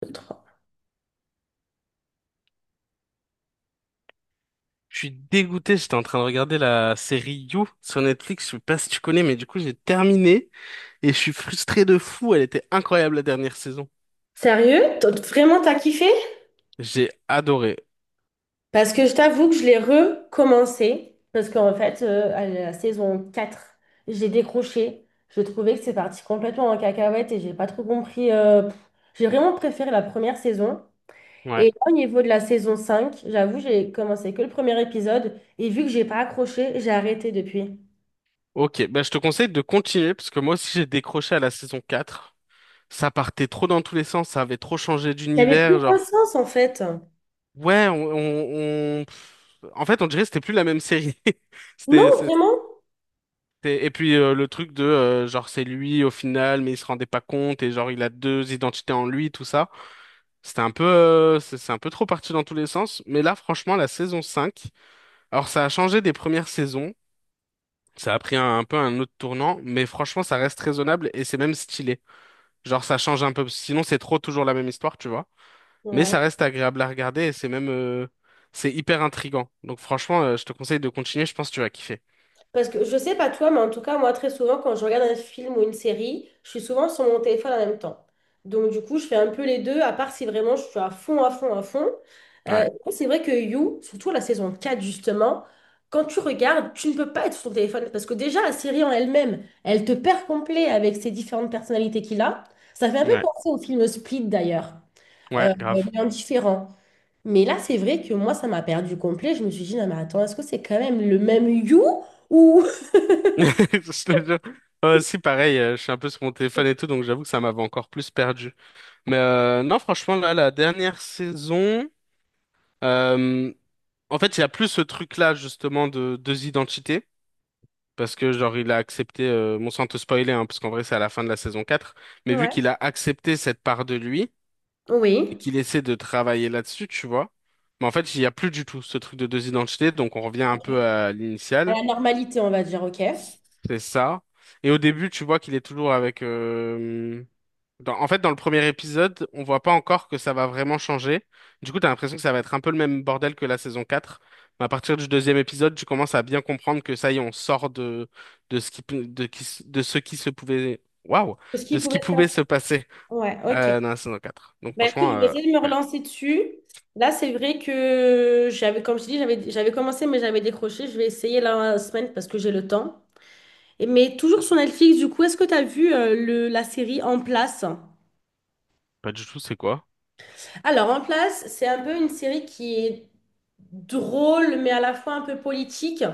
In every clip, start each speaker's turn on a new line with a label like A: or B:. A: Contrat
B: Je suis dégoûté, j'étais en train de regarder la série You sur Netflix, je sais pas si tu connais, mais du coup j'ai terminé et je suis frustré de fou, elle était incroyable la dernière saison.
A: Sérieux? Vraiment, t'as kiffé?
B: J'ai adoré.
A: Parce que je t'avoue que je l'ai recommencé. Parce qu'en fait, à la saison quatre j'ai décroché. Je trouvais que c'est parti complètement en cacahuète et j'ai pas trop compris. Pff. J'ai vraiment préféré la première saison.
B: Ouais.
A: Et là, au niveau de la saison 5, j'avoue, j'ai commencé que le premier épisode et vu que j'ai pas accroché, j'ai arrêté depuis.
B: Ok, bah je te conseille de continuer parce que moi aussi j'ai décroché à la saison 4. Ça partait trop dans tous les sens, ça avait trop changé
A: Ça avait plus
B: d'univers,
A: aucun
B: genre
A: sens en fait.
B: ouais, en fait on dirait que c'était plus la même série. C'était,
A: Non, vraiment?
B: et, et puis le truc de genre c'est lui au final, mais il se rendait pas compte et genre il a deux identités en lui, tout ça. C'était un peu, c'est un peu trop parti dans tous les sens. Mais là, franchement, la saison cinq, alors ça a changé des premières saisons. Ça a pris un peu un autre tournant, mais franchement, ça reste raisonnable et c'est même stylé. Genre, ça change un peu. Sinon, c'est trop toujours la même histoire, tu vois. Mais ça
A: Ouais.
B: reste agréable à regarder et c'est même, c'est hyper intriguant. Donc, franchement, je te conseille de continuer. Je pense que tu vas kiffer.
A: Parce que je sais pas toi, mais en tout cas, moi, très souvent, quand je regarde un film ou une série, je suis souvent sur mon téléphone en même temps. Donc, du coup, je fais un peu les deux, à part si vraiment je suis à fond, à fond, à fond. Euh,
B: Ouais,
A: c'est vrai que You, surtout la saison 4 justement, quand tu regardes, tu ne peux pas être sur ton téléphone. Parce que déjà, la série en elle-même, elle te perd complet avec ses différentes personnalités qu'il a. Ça fait un peu
B: ouais,
A: penser au film Split, d'ailleurs,
B: ouais, grave.
A: mais en différent. Mais là, c'est vrai que moi, ça m'a perdu complet. Je me suis dit, non, mais attends, est-ce que c'est quand même le même You? Ou
B: Je te jure. Ouais, si, pareil, je suis un peu sur mon téléphone et tout, donc j'avoue que ça m'avait encore plus perdu. Mais non, franchement, là, la dernière saison, euh, en fait, il y a plus ce truc-là, justement, de deux identités. Parce que, genre, il a accepté, bon, sans te spoiler, hein, parce qu'en vrai, c'est à la fin de la saison quatre, mais vu
A: ouais.
B: qu'il a accepté cette part de lui et
A: Oui.
B: qu'il essaie de travailler là-dessus, tu vois. Mais en fait, il n'y a plus du tout ce truc de deux identités, donc on revient un peu
A: Ok.
B: à
A: À
B: l'initiale,
A: la normalité, on va dire, ok.
B: c'est ça. Et au début, tu vois qu'il est toujours avec... en fait, dans le premier épisode, on voit pas encore que ça va vraiment changer. Du coup, t'as l'impression que ça va être un peu le même bordel que la saison 4. Mais à partir du deuxième épisode, tu commences à bien comprendre que ça y est, on sort de ce qui, peut- de, qui s- de ce qui se pouvait, waouh,
A: Ce qui
B: de ce qui
A: pouvait se
B: pouvait
A: passer.
B: se passer,
A: Ouais, ok.
B: dans la saison quatre. Donc,
A: Bah écoute,
B: franchement,
A: je vais essayer de me
B: ouais,
A: relancer dessus. Là, c'est vrai que j'avais, comme je dis, j'avais commencé, mais j'avais décroché. Je vais essayer la semaine parce que j'ai le temps. Et, mais toujours sur Netflix, du coup, est-ce que tu as vu la série En Place?
B: pas du tout, c'est quoi?
A: Alors, En place, c'est un peu une série qui est drôle, mais à la fois un peu politique,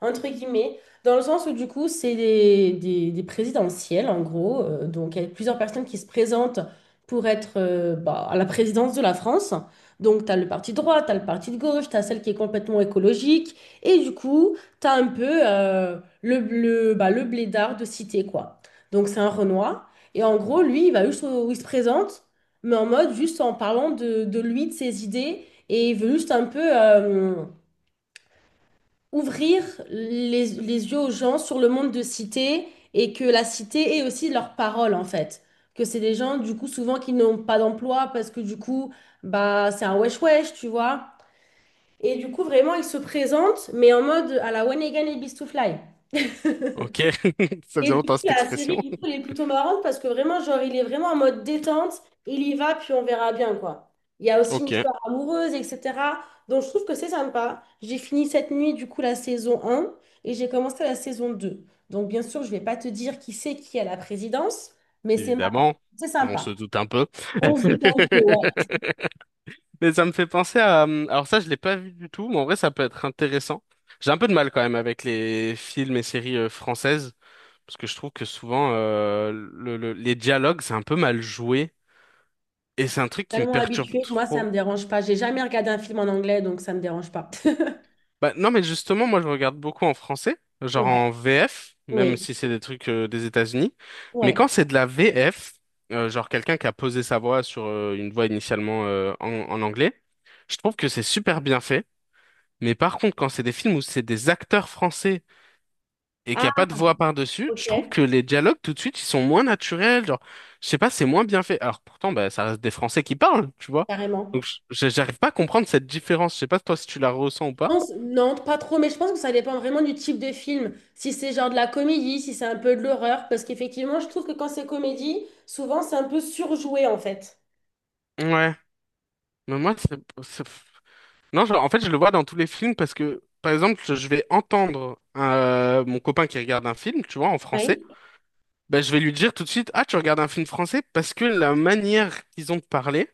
A: entre guillemets, dans le sens où du coup, c'est des présidentielles, en gros. Donc, il y a plusieurs personnes qui se présentent pour être bah, à la présidence de la France. Donc, tu as le parti de droite, tu as le parti de gauche, tu as celle qui est complètement écologique. Et du coup, tu as un peu bah, le blédard de cité, quoi. Donc, c'est un Renoir. Et en gros, lui, il va juste où il se présente mais en mode juste en parlant de lui, de ses idées, et il veut juste un peu ouvrir les yeux aux gens sur le monde de cité et que la cité est aussi leur parole en fait. Que c'est des gens du coup souvent qui n'ont pas d'emploi parce que du coup bah c'est un wesh wesh, tu vois. Et du coup vraiment il se présente mais en mode à la When Again et Beast to Fly.
B: Ok. Ça
A: Et
B: faisait
A: du
B: longtemps
A: coup,
B: cette
A: la série,
B: expression.
A: du coup, elle est plutôt marrante parce que vraiment, genre, il est vraiment en mode détente, il y va, puis on verra bien, quoi. Il y a aussi une
B: Ok,
A: histoire amoureuse, etc. Donc, je trouve que c'est sympa. J'ai fini cette nuit, du coup, la saison un, et j'ai commencé la saison 2. Donc, bien sûr, je vais pas te dire qui c'est qui est à la présidence, mais c'est marrant.
B: évidemment.
A: C'est
B: On se
A: sympa.
B: doute un peu.
A: On se dit un peu, ouais.
B: Mais ça me fait penser à... Alors ça, je l'ai pas vu du tout, mais en vrai, ça peut être intéressant. J'ai un peu de mal quand même avec les films et séries françaises, parce que je trouve que souvent, les dialogues, c'est un peu mal joué, et c'est un truc qui me
A: Tellement
B: perturbe
A: habitué que moi, ça
B: trop.
A: me dérange pas. J'ai jamais regardé un film en anglais, donc ça me dérange pas.
B: Bah, non, mais justement, moi, je regarde beaucoup en français, genre
A: Ouais,
B: en VF, même
A: oui,
B: si c'est des trucs des États-Unis. Mais
A: ouais.
B: quand c'est de la VF, genre quelqu'un qui a posé sa voix sur une voix initialement en anglais, je trouve que c'est super bien fait. Mais par contre, quand c'est des films où c'est des acteurs français et qu'il n'y
A: Ah,
B: a pas de voix par-dessus,
A: ok,
B: je trouve que les dialogues, tout de suite, ils sont moins naturels. Genre, je sais pas, c'est moins bien fait. Alors pourtant, bah, ça reste des Français qui parlent, tu vois.
A: carrément.
B: Donc, j'arrive pas à comprendre cette différence. Je sais pas toi si tu la ressens ou pas.
A: Non, pas trop, mais je pense que ça dépend vraiment du type de film. Si c'est genre de la comédie, si c'est un peu de l'horreur, parce qu'effectivement, je trouve que quand c'est comédie, souvent c'est un peu surjoué en fait.
B: Ouais. Mais moi, Non, genre, en fait, je le vois dans tous les films parce que, par exemple, je vais entendre mon copain qui regarde un film, tu vois, en français.
A: Ouais.
B: Ben je vais lui dire tout de suite, ah, tu regardes un film français parce que la manière qu'ils ont de parler,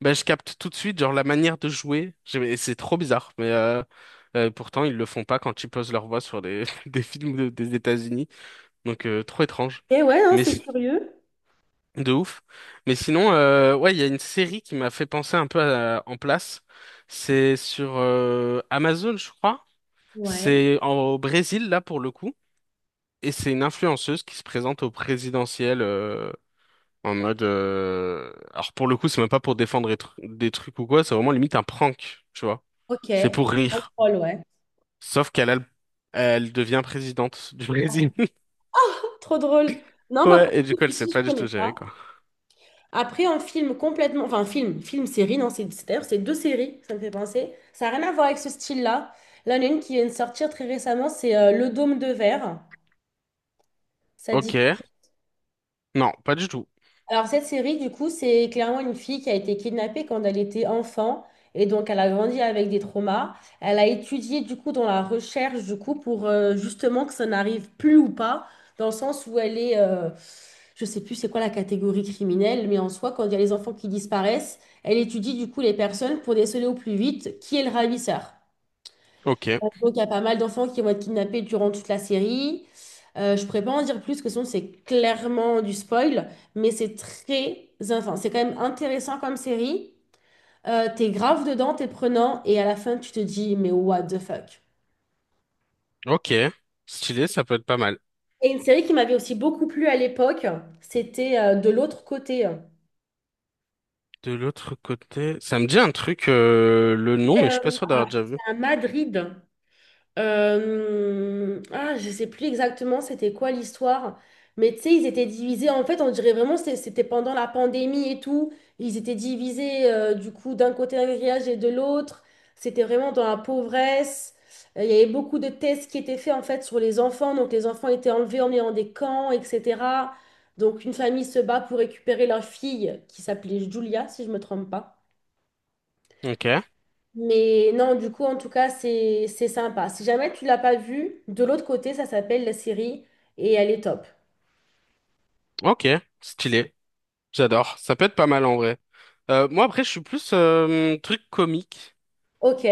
B: ben, je capte tout de suite, genre la manière de jouer. C'est trop bizarre, mais pourtant ils le font pas quand ils posent leur voix sur des, des États-Unis. Donc trop étrange,
A: Et ouais, hein,
B: mais
A: c'est
B: si-
A: curieux.
B: de ouf. Mais sinon, ouais, il y a une série qui m'a fait penser un peu à En Place. C'est sur Amazon, je crois.
A: Ouais.
B: Au Brésil là pour le coup, et c'est une influenceuse qui se présente au présidentiel en mode, alors pour le coup, c'est même pas pour défendre des trucs ou quoi, c'est vraiment limite un prank, tu vois.
A: Ok,
B: C'est pour
A: pas
B: rire.
A: drôle, ouais.
B: Sauf qu'elle a le- Elle devient présidente du Brésil.
A: Trop drôle. Non, bah pour
B: Ouais, et
A: le
B: du
A: coup,
B: coup, elle sait
A: celui-ci,
B: pas
A: je
B: du tout
A: connais
B: gérer,
A: pas.
B: quoi.
A: Après, en film complètement, enfin film, film, série, non, d'ailleurs c'est deux séries, ça me fait penser. Ça n'a rien à voir avec ce style-là. Là, il y en a une qui vient de sortir très récemment, c'est Le Dôme de Verre. Ça dit.
B: Ok. Non, pas du tout.
A: Alors, cette série, du coup, c'est clairement une fille qui a été kidnappée quand elle était enfant. Et donc, elle a grandi avec des traumas. Elle a étudié, du coup, dans la recherche, du coup, pour justement que ça n'arrive plus ou pas, dans le sens où elle est, je sais plus c'est quoi la catégorie criminelle, mais en soi, quand il y a les enfants qui disparaissent, elle étudie, du coup, les personnes pour déceler au plus vite qui est le ravisseur.
B: Ok.
A: Donc, il y a pas mal d'enfants qui vont être kidnappés durant toute la série. Je ne pourrais pas en dire plus, que sinon c'est clairement du spoil, mais c'est très, enfin, c'est quand même intéressant comme série. T'es grave dedans, t'es prenant, et à la fin tu te dis, mais what the fuck.
B: Ok. Stylé, ça peut être pas mal.
A: Et une série qui m'avait aussi beaucoup plu à l'époque, c'était De l'autre côté.
B: De l'autre côté, ça me dit un truc, le nom,
A: Et,
B: mais je suis pas sûr d'avoir déjà vu.
A: à Madrid. Ah, je sais plus exactement c'était quoi l'histoire, mais tu sais, ils étaient divisés. En fait, on dirait vraiment c'était pendant la pandémie et tout. Ils étaient divisés du coup d'un côté un grillage et de l'autre. C'était vraiment dans la pauvresse. Il y avait beaucoup de tests qui étaient faits en fait sur les enfants. Donc les enfants étaient enlevés, emmenés dans des camps, etc. Donc une famille se bat pour récupérer leur fille qui s'appelait Julia, si je me trompe pas.
B: Ok.
A: Mais non, du coup, en tout cas, c'est sympa. Si jamais tu l'as pas vu, de l'autre côté, ça s'appelle la série et elle est top.
B: Ok. Stylé. J'adore. Ça peut être pas mal en vrai. Moi, après, je suis plus truc comique.
A: Ok.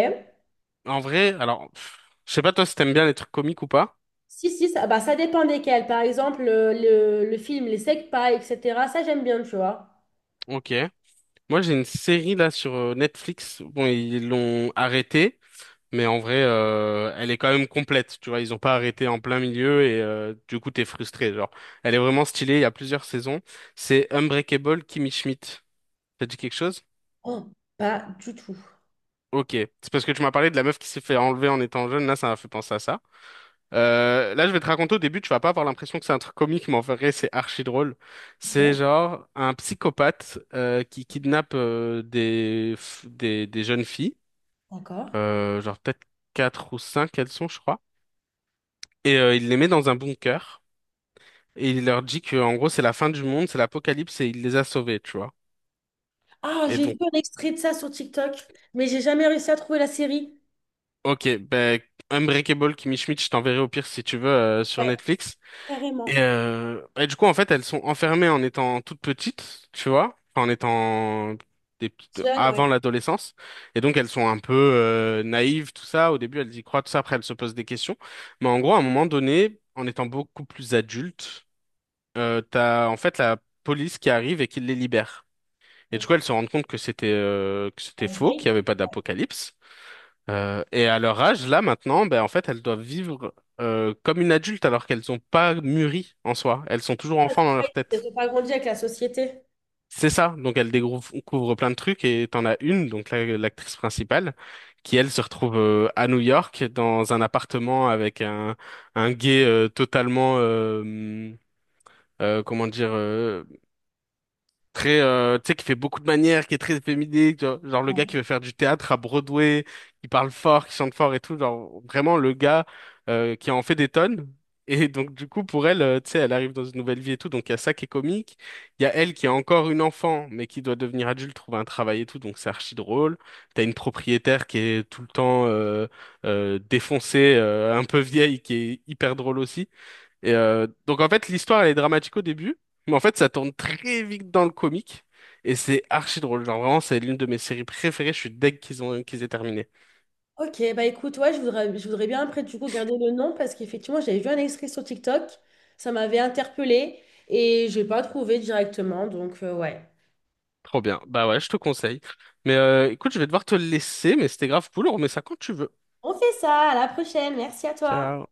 B: En vrai, alors, pff, je sais pas toi si t'aimes bien les trucs comiques ou pas.
A: Si, si, ça, bah, ça dépend desquels. Par exemple, le film Les Secpa, etc. Ça, j'aime bien, tu vois.
B: Ok. Moi, j'ai une série là sur Netflix. Bon, ils l'ont arrêtée, mais en vrai, elle est quand même complète. Tu vois, ils ont pas arrêté en plein milieu et du coup, t'es frustré. Genre, elle est vraiment stylée. Il y a plusieurs saisons. C'est Unbreakable Kimmy Schmidt. Ça te dit quelque chose?
A: Oh, pas du tout.
B: Ok. C'est parce que tu m'as parlé de la meuf qui s'est fait enlever en étant jeune. Là, ça m'a fait penser à ça. Là, je vais te raconter au début, tu vas pas avoir l'impression que c'est un truc comique, mais en vrai, c'est archi drôle. C'est
A: Ok,
B: genre un psychopathe qui kidnappe des, jeunes filles,
A: d'accord.
B: genre peut-être quatre ou cinq elles sont, je crois, et il les met dans un bunker et il leur dit que en gros c'est la fin du monde, c'est l'apocalypse et il les a sauvées, tu vois.
A: Ah,
B: Et
A: j'ai vu
B: donc,
A: un extrait de ça sur TikTok, mais j'ai jamais réussi à trouver la série.
B: ok, ben Unbreakable Kimmy Schmidt, je t'enverrai au pire si tu veux sur
A: Ouais,
B: Netflix.
A: carrément.
B: Et du coup, en fait, elles sont enfermées en étant toutes petites, tu vois, enfin, en étant des petites
A: Jeune, ouais.
B: avant l'adolescence. Et donc, elles sont un peu naïves, tout ça. Au début, elles y croient, tout ça. Après, elles se posent des questions. Mais en gros, à un moment donné, en étant beaucoup plus adultes, t'as en fait la police qui arrive et qui les libère. Et du coup, elles
A: Ok.
B: se rendent compte que c'était
A: Elles
B: faux,
A: ont
B: qu'il n'y avait pas d'apocalypse. Et à leur âge, là maintenant, ben, en fait, elles doivent vivre comme une adulte alors qu'elles n'ont pas mûri en soi. Elles sont toujours enfants dans
A: pas
B: leur tête.
A: Elles ont pas grandi avec la société.
B: C'est ça. Donc elles découvrent plein de trucs et t'en as une, l'actrice principale, qui elle se retrouve à New York dans un appartement avec un gay totalement, euh, comment dire, euh, très tu sais qui fait beaucoup de manières qui est très efféminé tu vois. Genre le gars qui veut faire du théâtre à Broadway qui parle fort qui chante fort et tout genre vraiment le gars qui en fait des tonnes et donc du coup pour elle tu sais elle arrive dans une nouvelle vie et tout donc il y a ça qui est comique, il y a elle qui est encore une enfant mais qui doit devenir adulte trouver un travail et tout donc c'est archi drôle, t'as une propriétaire qui est tout le temps défoncée un peu vieille qui est hyper drôle aussi et donc en fait, l'histoire elle est dramatique au début, mais en fait ça tourne très vite dans le comique et c'est archi drôle. Genre vraiment, c'est l'une de mes séries préférées. Je suis deg qu'ils aient terminé.
A: Ok, bah écoute, ouais, je voudrais bien après du coup garder le nom parce qu'effectivement j'avais vu un extrait sur TikTok, ça m'avait interpellée et j'ai pas trouvé directement, donc ouais.
B: Trop bien. Bah ouais, je te conseille. Mais écoute, je vais devoir te laisser, mais c'était grave cool. On remet ça quand tu veux.
A: On fait ça, à la prochaine, merci à toi.
B: Ciao.